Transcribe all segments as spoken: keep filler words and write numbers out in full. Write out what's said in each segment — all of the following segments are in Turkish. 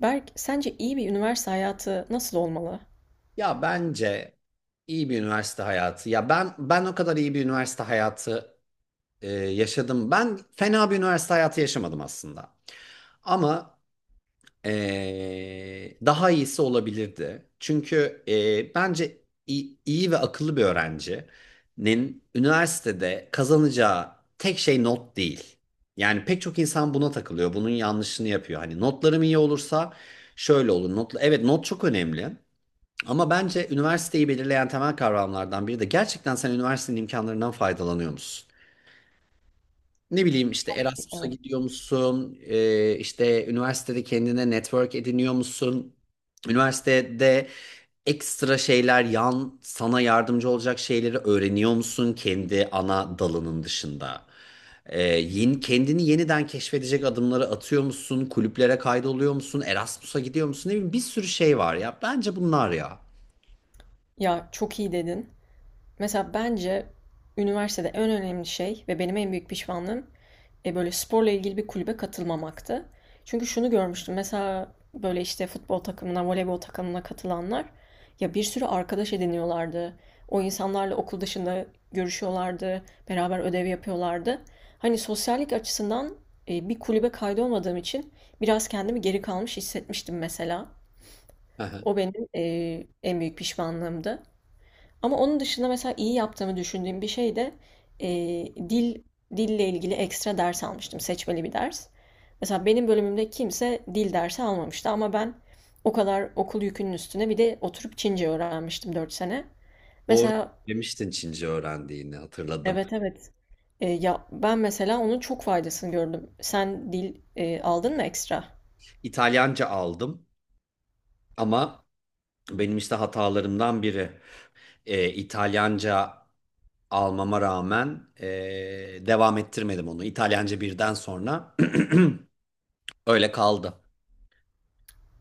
Berk, sence iyi bir üniversite hayatı nasıl olmalı? Ya bence iyi bir üniversite hayatı. Ya ben ben o kadar iyi bir üniversite hayatı e, yaşadım. Ben fena bir üniversite hayatı yaşamadım aslında. Ama e, daha iyisi olabilirdi. Çünkü e, bence iyi, iyi ve akıllı bir öğrencinin üniversitede kazanacağı tek şey not değil. Yani pek çok insan buna takılıyor. Bunun yanlışını yapıyor. Hani notlarım iyi olursa şöyle olur. Not, evet, not çok önemli. Ama bence üniversiteyi belirleyen temel kavramlardan biri de gerçekten sen üniversitenin imkanlarından faydalanıyor musun? Ne bileyim işte Çok iyi, Erasmus'a evet. gidiyor musun? Ee, işte üniversitede kendine network ediniyor musun? Üniversitede ekstra şeyler, yan sana yardımcı olacak şeyleri öğreniyor musun kendi ana dalının dışında? Ee, yeni, kendini yeniden keşfedecek adımları atıyor musun? Kulüplere kaydoluyor musun? Erasmus'a gidiyor musun? Ne bileyim bir sürü şey var ya. Bence bunlar ya. Ya çok iyi dedin. Mesela bence üniversitede en önemli şey ve benim en büyük pişmanlığım e, böyle sporla ilgili bir kulübe katılmamaktı. Çünkü şunu görmüştüm. Mesela böyle işte futbol takımına, voleybol takımına katılanlar ya bir sürü arkadaş ediniyorlardı. O insanlarla okul dışında görüşüyorlardı, beraber ödev yapıyorlardı. Hani sosyallik açısından e, bir kulübe kaydolmadığım için biraz kendimi geri kalmış hissetmiştim mesela. O benim e, en büyük pişmanlığımdı. Ama onun dışında mesela iyi yaptığımı düşündüğüm bir şey de e, dil dille ilgili ekstra ders almıştım. Seçmeli bir ders. Mesela benim bölümümde kimse dil dersi almamıştı ama ben o kadar okul yükünün üstüne bir de oturup Çince öğrenmiştim dört sene. Doğru, Mesela demiştin Çince öğrendiğini hatırladım. evet evet. E, ya ben mesela onun çok faydasını gördüm. Sen dil e, aldın mı ekstra? İtalyanca aldım ama benim işte hatalarımdan biri e, İtalyanca almama rağmen e, devam ettirmedim onu. İtalyanca birden sonra öyle kaldı.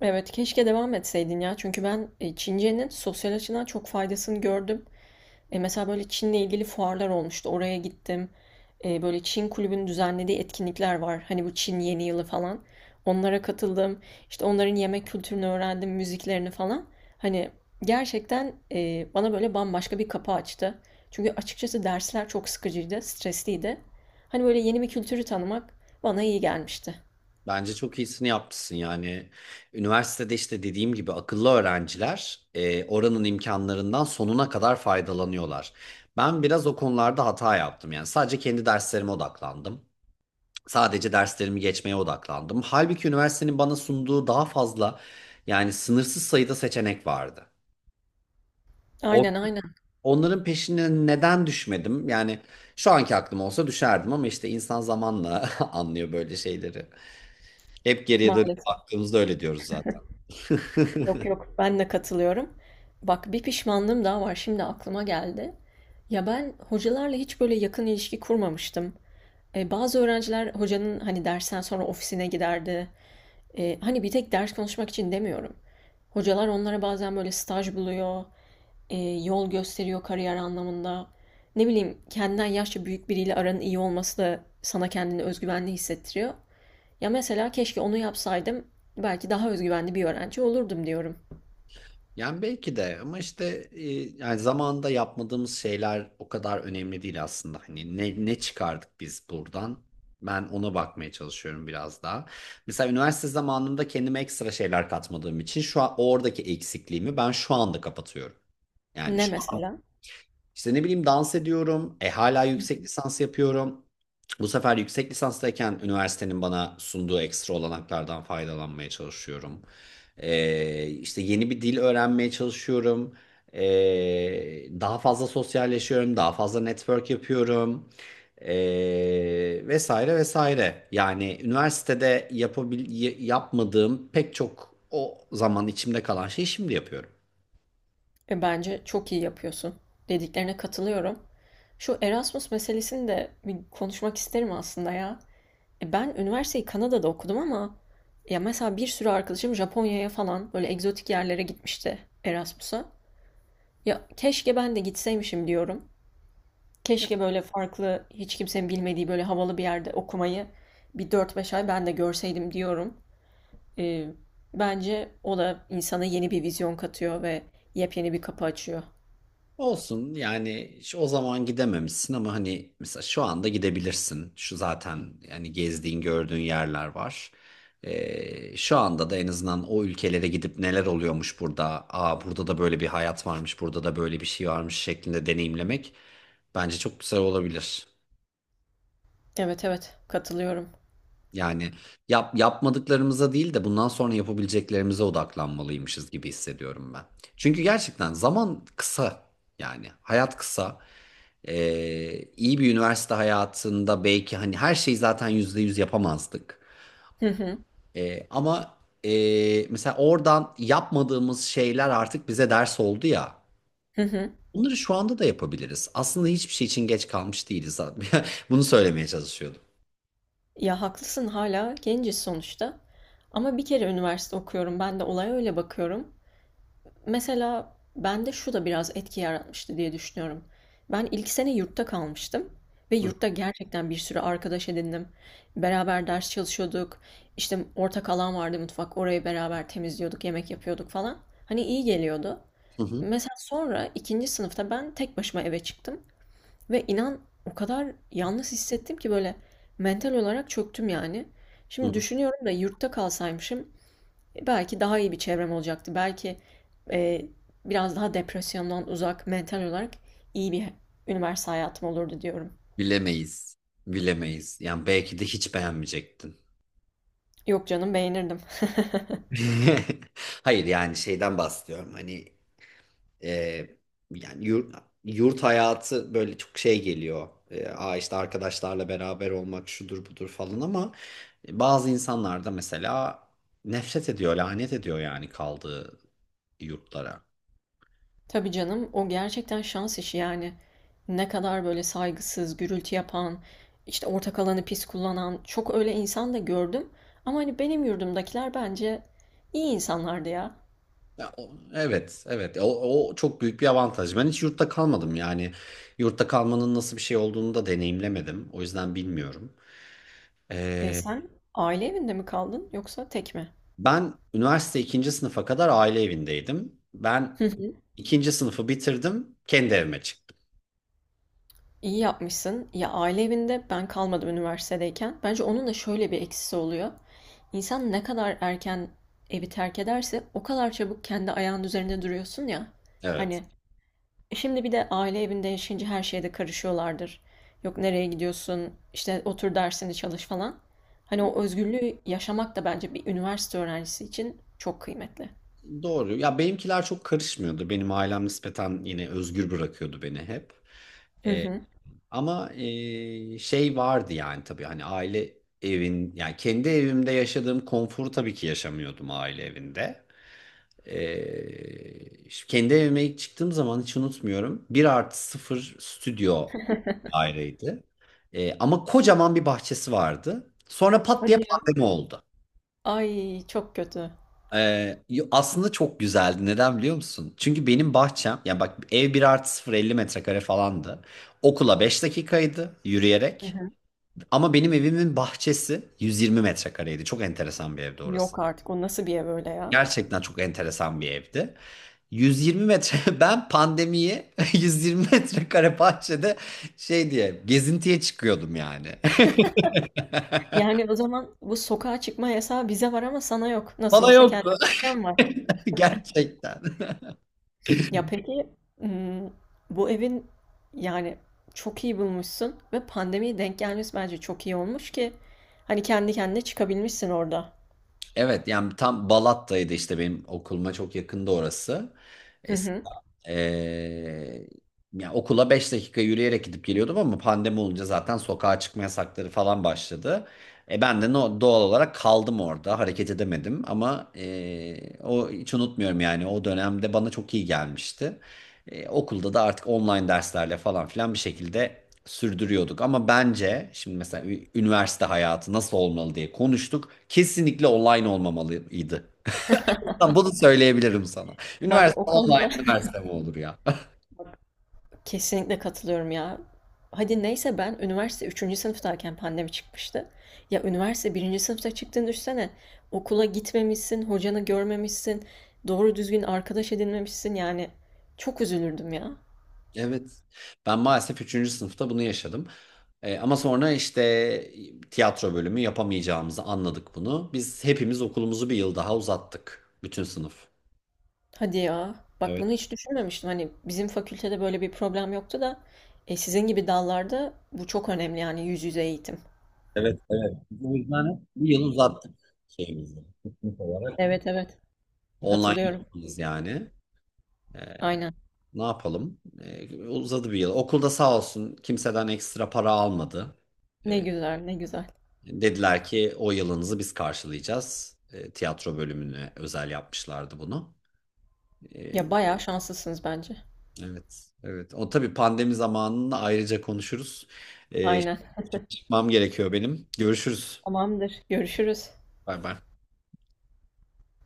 Evet keşke devam etseydin ya. Çünkü ben e, Çince'nin sosyal açıdan çok faydasını gördüm. E, mesela böyle Çin'le ilgili fuarlar olmuştu. Oraya gittim. E, böyle Çin kulübünün düzenlediği etkinlikler var. Hani bu Çin Yeni Yılı falan. Onlara katıldım. İşte onların yemek kültürünü öğrendim, müziklerini falan. Hani gerçekten e, bana böyle bambaşka bir kapı açtı. Çünkü açıkçası dersler çok sıkıcıydı, stresliydi. Hani böyle yeni bir kültürü tanımak bana iyi gelmişti. Bence çok iyisini yapmışsın yani. Üniversitede işte dediğim gibi akıllı öğrenciler e, oranın imkanlarından sonuna kadar faydalanıyorlar. Ben biraz o konularda hata yaptım, yani sadece kendi derslerime odaklandım. Sadece derslerimi geçmeye odaklandım. Halbuki üniversitenin bana sunduğu daha fazla, yani sınırsız sayıda seçenek vardı. O- Aynen aynen. Onların peşine neden düşmedim? Yani şu anki aklım olsa düşerdim ama işte insan zamanla anlıyor böyle şeyleri. Hep geriye dönüp Maalesef. baktığımızda öyle diyoruz zaten. Yok yok, ben de katılıyorum. Bak bir pişmanlığım daha var şimdi aklıma geldi. Ya ben hocalarla hiç böyle yakın ilişki kurmamıştım. E, bazı öğrenciler hocanın hani dersten sonra ofisine giderdi. E, hani bir tek ders konuşmak için demiyorum. Hocalar onlara bazen böyle staj buluyor, e, yol gösteriyor kariyer anlamında. Ne bileyim kendinden yaşça büyük biriyle aranın iyi olması da sana kendini özgüvenli hissettiriyor. Ya mesela keşke onu yapsaydım belki daha özgüvenli bir öğrenci olurdum diyorum. Yani belki de, ama işte e, yani zamanında yapmadığımız şeyler o kadar önemli değil aslında. Hani ne, ne çıkardık biz buradan? Ben ona bakmaya çalışıyorum biraz daha. Mesela üniversite zamanında kendime ekstra şeyler katmadığım için şu an oradaki eksikliğimi ben şu anda kapatıyorum. Yani Ne şu mesela? işte, ne bileyim, dans ediyorum. E hala yüksek lisans yapıyorum. Bu sefer yüksek lisanstayken üniversitenin bana sunduğu ekstra olanaklardan faydalanmaya çalışıyorum. E, işte yeni bir dil öğrenmeye çalışıyorum. E, Daha fazla sosyalleşiyorum. Daha fazla network yapıyorum. E, Vesaire vesaire. Yani üniversitede yapabil y- yapmadığım pek çok o zaman içimde kalan şeyi şimdi yapıyorum. E, bence çok iyi yapıyorsun. Dediklerine katılıyorum. Şu Erasmus meselesini de bir konuşmak isterim aslında ya. E, ben üniversiteyi Kanada'da okudum ama ya mesela bir sürü arkadaşım Japonya'ya falan böyle egzotik yerlere gitmişti Erasmus'a. Ya keşke ben de gitseymişim diyorum. Keşke böyle farklı, hiç kimsenin bilmediği böyle havalı bir yerde okumayı bir dört beş ay ben de görseydim diyorum. E, bence o da insana yeni bir vizyon katıyor ve yepyeni bir kapı açıyor. Olsun yani, şu- o zaman gidememişsin ama hani mesela şu anda gidebilirsin. Şu zaten yani gezdiğin gördüğün yerler var. Ee, şu anda da en azından o ülkelere gidip neler oluyormuş burada. Aa burada da böyle bir hayat varmış, burada da böyle bir şey varmış şeklinde deneyimlemek bence çok güzel olabilir. Evet evet, katılıyorum. Yani yap, yapmadıklarımıza değil de bundan sonra yapabileceklerimize odaklanmalıymışız gibi hissediyorum ben. Çünkü gerçekten zaman kısa, yani hayat kısa. Ee, iyi bir üniversite hayatında belki hani her şeyi zaten yüzde yüz yapamazdık. Hı hı. Ee, ama ee, Mesela oradan yapmadığımız şeyler artık bize ders oldu ya. Hı hı. Bunları şu anda da yapabiliriz. Aslında hiçbir şey için geç kalmış değiliz. Bunu söylemeye çalışıyordum. Ya haklısın hala genciz sonuçta ama bir kere üniversite okuyorum. Ben de olaya öyle bakıyorum. Mesela bende şu da biraz etki yaratmıştı diye düşünüyorum. Ben ilk sene yurtta kalmıştım ve Hı yurtta gerçekten bir sürü arkadaş edindim. Beraber ders çalışıyorduk. İşte ortak alan vardı mutfak. Orayı beraber temizliyorduk, yemek yapıyorduk falan. Hani iyi geliyordu. hı, hı Mesela sonra ikinci sınıfta ben tek başıma eve çıktım. Ve inan o kadar yalnız hissettim ki böyle mental olarak çöktüm yani. Şimdi hı. düşünüyorum da yurtta kalsaymışım e, belki daha iyi bir çevrem olacaktı. Belki e, biraz daha depresyondan uzak mental olarak iyi bir üniversite hayatım olurdu diyorum. Bilemeyiz. Bilemeyiz. Yani belki de hiç beğenmeyecektin. Yok canım beğenirdim. Hayır, yani şeyden bahsediyorum. Hani, Ee, yani yurt, yurt hayatı böyle çok şey geliyor. Ee, Aa işte arkadaşlarla beraber olmak şudur budur falan ama bazı insanlar da mesela nefret ediyor, lanet ediyor yani kaldığı yurtlara. Tabii canım, o gerçekten şans işi yani. Ne kadar böyle saygısız, gürültü yapan, işte ortak alanı pis kullanan çok öyle insan da gördüm. Ama hani benim yurdumdakiler bence iyi insanlardı ya. Ya, o- evet, evet. O, o çok büyük bir avantaj. Ben hiç yurtta kalmadım yani. Yurtta kalmanın nasıl bir şey olduğunu da deneyimlemedim. O yüzden bilmiyorum. E Ee, sen aile evinde mi kaldın yoksa tek mi? Ben üniversite ikinci sınıfa kadar aile evindeydim. Ben Hı hı. ikinci sınıfı bitirdim, kendi evime çıktım. İyi yapmışsın. Ya aile evinde ben kalmadım üniversitedeyken. Bence onun da şöyle bir eksisi oluyor. İnsan ne kadar erken evi terk ederse o kadar çabuk kendi ayağının üzerinde duruyorsun ya. Evet. Hani e, şimdi bir de aile evinde yaşayınca her şeyde karışıyorlardır. Yok nereye gidiyorsun, işte otur dersini çalış falan. Hani o özgürlüğü yaşamak da bence bir üniversite öğrencisi için çok kıymetli. Doğru. Ya benimkiler çok karışmıyordu. Benim ailem nispeten yine özgür bırakıyordu beni hep. Hı Ee, hı. Ama eee, şey vardı yani, tabii hani aile evin, yani kendi evimde yaşadığım konforu tabii ki yaşamıyordum aile evinde. Eee, işte kendi evime ilk çıktığım zaman hiç unutmuyorum. Bir artı sıfır stüdyo daireydi. Eee, ama kocaman bir bahçesi vardı. Sonra pat diye Hadi ya. pandemi oldu. Ay çok kötü. Ee, yo- aslında çok güzeldi. Neden biliyor musun? Çünkü benim bahçem, yani bak ev bir artı sıfır elli metrekare falandı. Okula beş dakikaydı Hı yürüyerek. hı. Ama benim evimin bahçesi yüz yirmi metrekareydi. Çok enteresan bir evdi orası. Yok artık, o nasıl bir ev öyle ya? Gerçekten çok enteresan bir evdi. yüz yirmi metre, ben pandemiyi yüz yirmi metrekare bahçede şey diye gezintiye çıkıyordum yani. Yani o zaman bu sokağa çıkma yasağı bize var ama sana yok. Nasıl Bana olsa kendi yoktu. bahçen var. Gerçekten. Ya peki hmm, bu evin yani çok iyi bulmuşsun ve pandemiye denk gelmesi bence çok iyi olmuş ki hani kendi kendine çıkabilmişsin orada. Evet, yani tam Balat'taydı işte, benim okuluma çok yakında orası. Hı hı. Ee, Ya okula beş dakika yürüyerek gidip geliyordum ama pandemi olunca zaten sokağa çıkma yasakları falan başladı. E ben de no- doğal olarak kaldım orada, hareket edemedim ama e, o hiç unutmuyorum, yani o dönemde bana çok iyi gelmişti. E, okulda da artık online derslerle falan filan bir şekilde sürdürüyorduk ama bence şimdi mesela ü- üniversite hayatı nasıl olmalı diye konuştuk. Kesinlikle online olmamalıydı. Bunu söyleyebilirim sana. Bak Üniversite o online konuda üniversite mi olur ya? kesinlikle katılıyorum ya. Hadi neyse ben üniversite üçüncü sınıftayken pandemi çıkmıştı. Ya üniversite birinci sınıfta çıktığını düşünsene. Okula gitmemişsin, hocanı görmemişsin, doğru düzgün arkadaş edinmemişsin yani. Çok üzülürdüm ya. Evet. Ben maalesef üçüncü sınıfta bunu yaşadım. Ee, ama sonra işte tiyatro bölümü yapamayacağımızı anladık bunu. Biz hepimiz okulumuzu bir yıl daha uzattık. Bütün sınıf. Hadi ya. Bak bunu Evet. hiç düşünmemiştim. Hani bizim fakültede böyle bir problem yoktu da e, sizin gibi dallarda bu çok önemli yani yüz yüze eğitim. O yüzden bir yıl uzattık şeyimizi. Evet evet. Online Katılıyorum. yapamayız yani. Ee, Aynen. Ne yapalım? Ee, uzadı bir yıl. Okulda sağ olsun kimseden ekstra para almadı. Ne Ee, güzel ne güzel. Dediler ki o yılınızı biz karşılayacağız. Ee, tiyatro bölümüne özel yapmışlardı bunu. Ya Ee, bayağı şanslısınız bence. evet, evet. O tabii pandemi zamanını ayrıca konuşuruz. Ee, Aynen. Şimdi çıkmam gerekiyor benim. Görüşürüz. Tamamdır. Görüşürüz. Bay bay.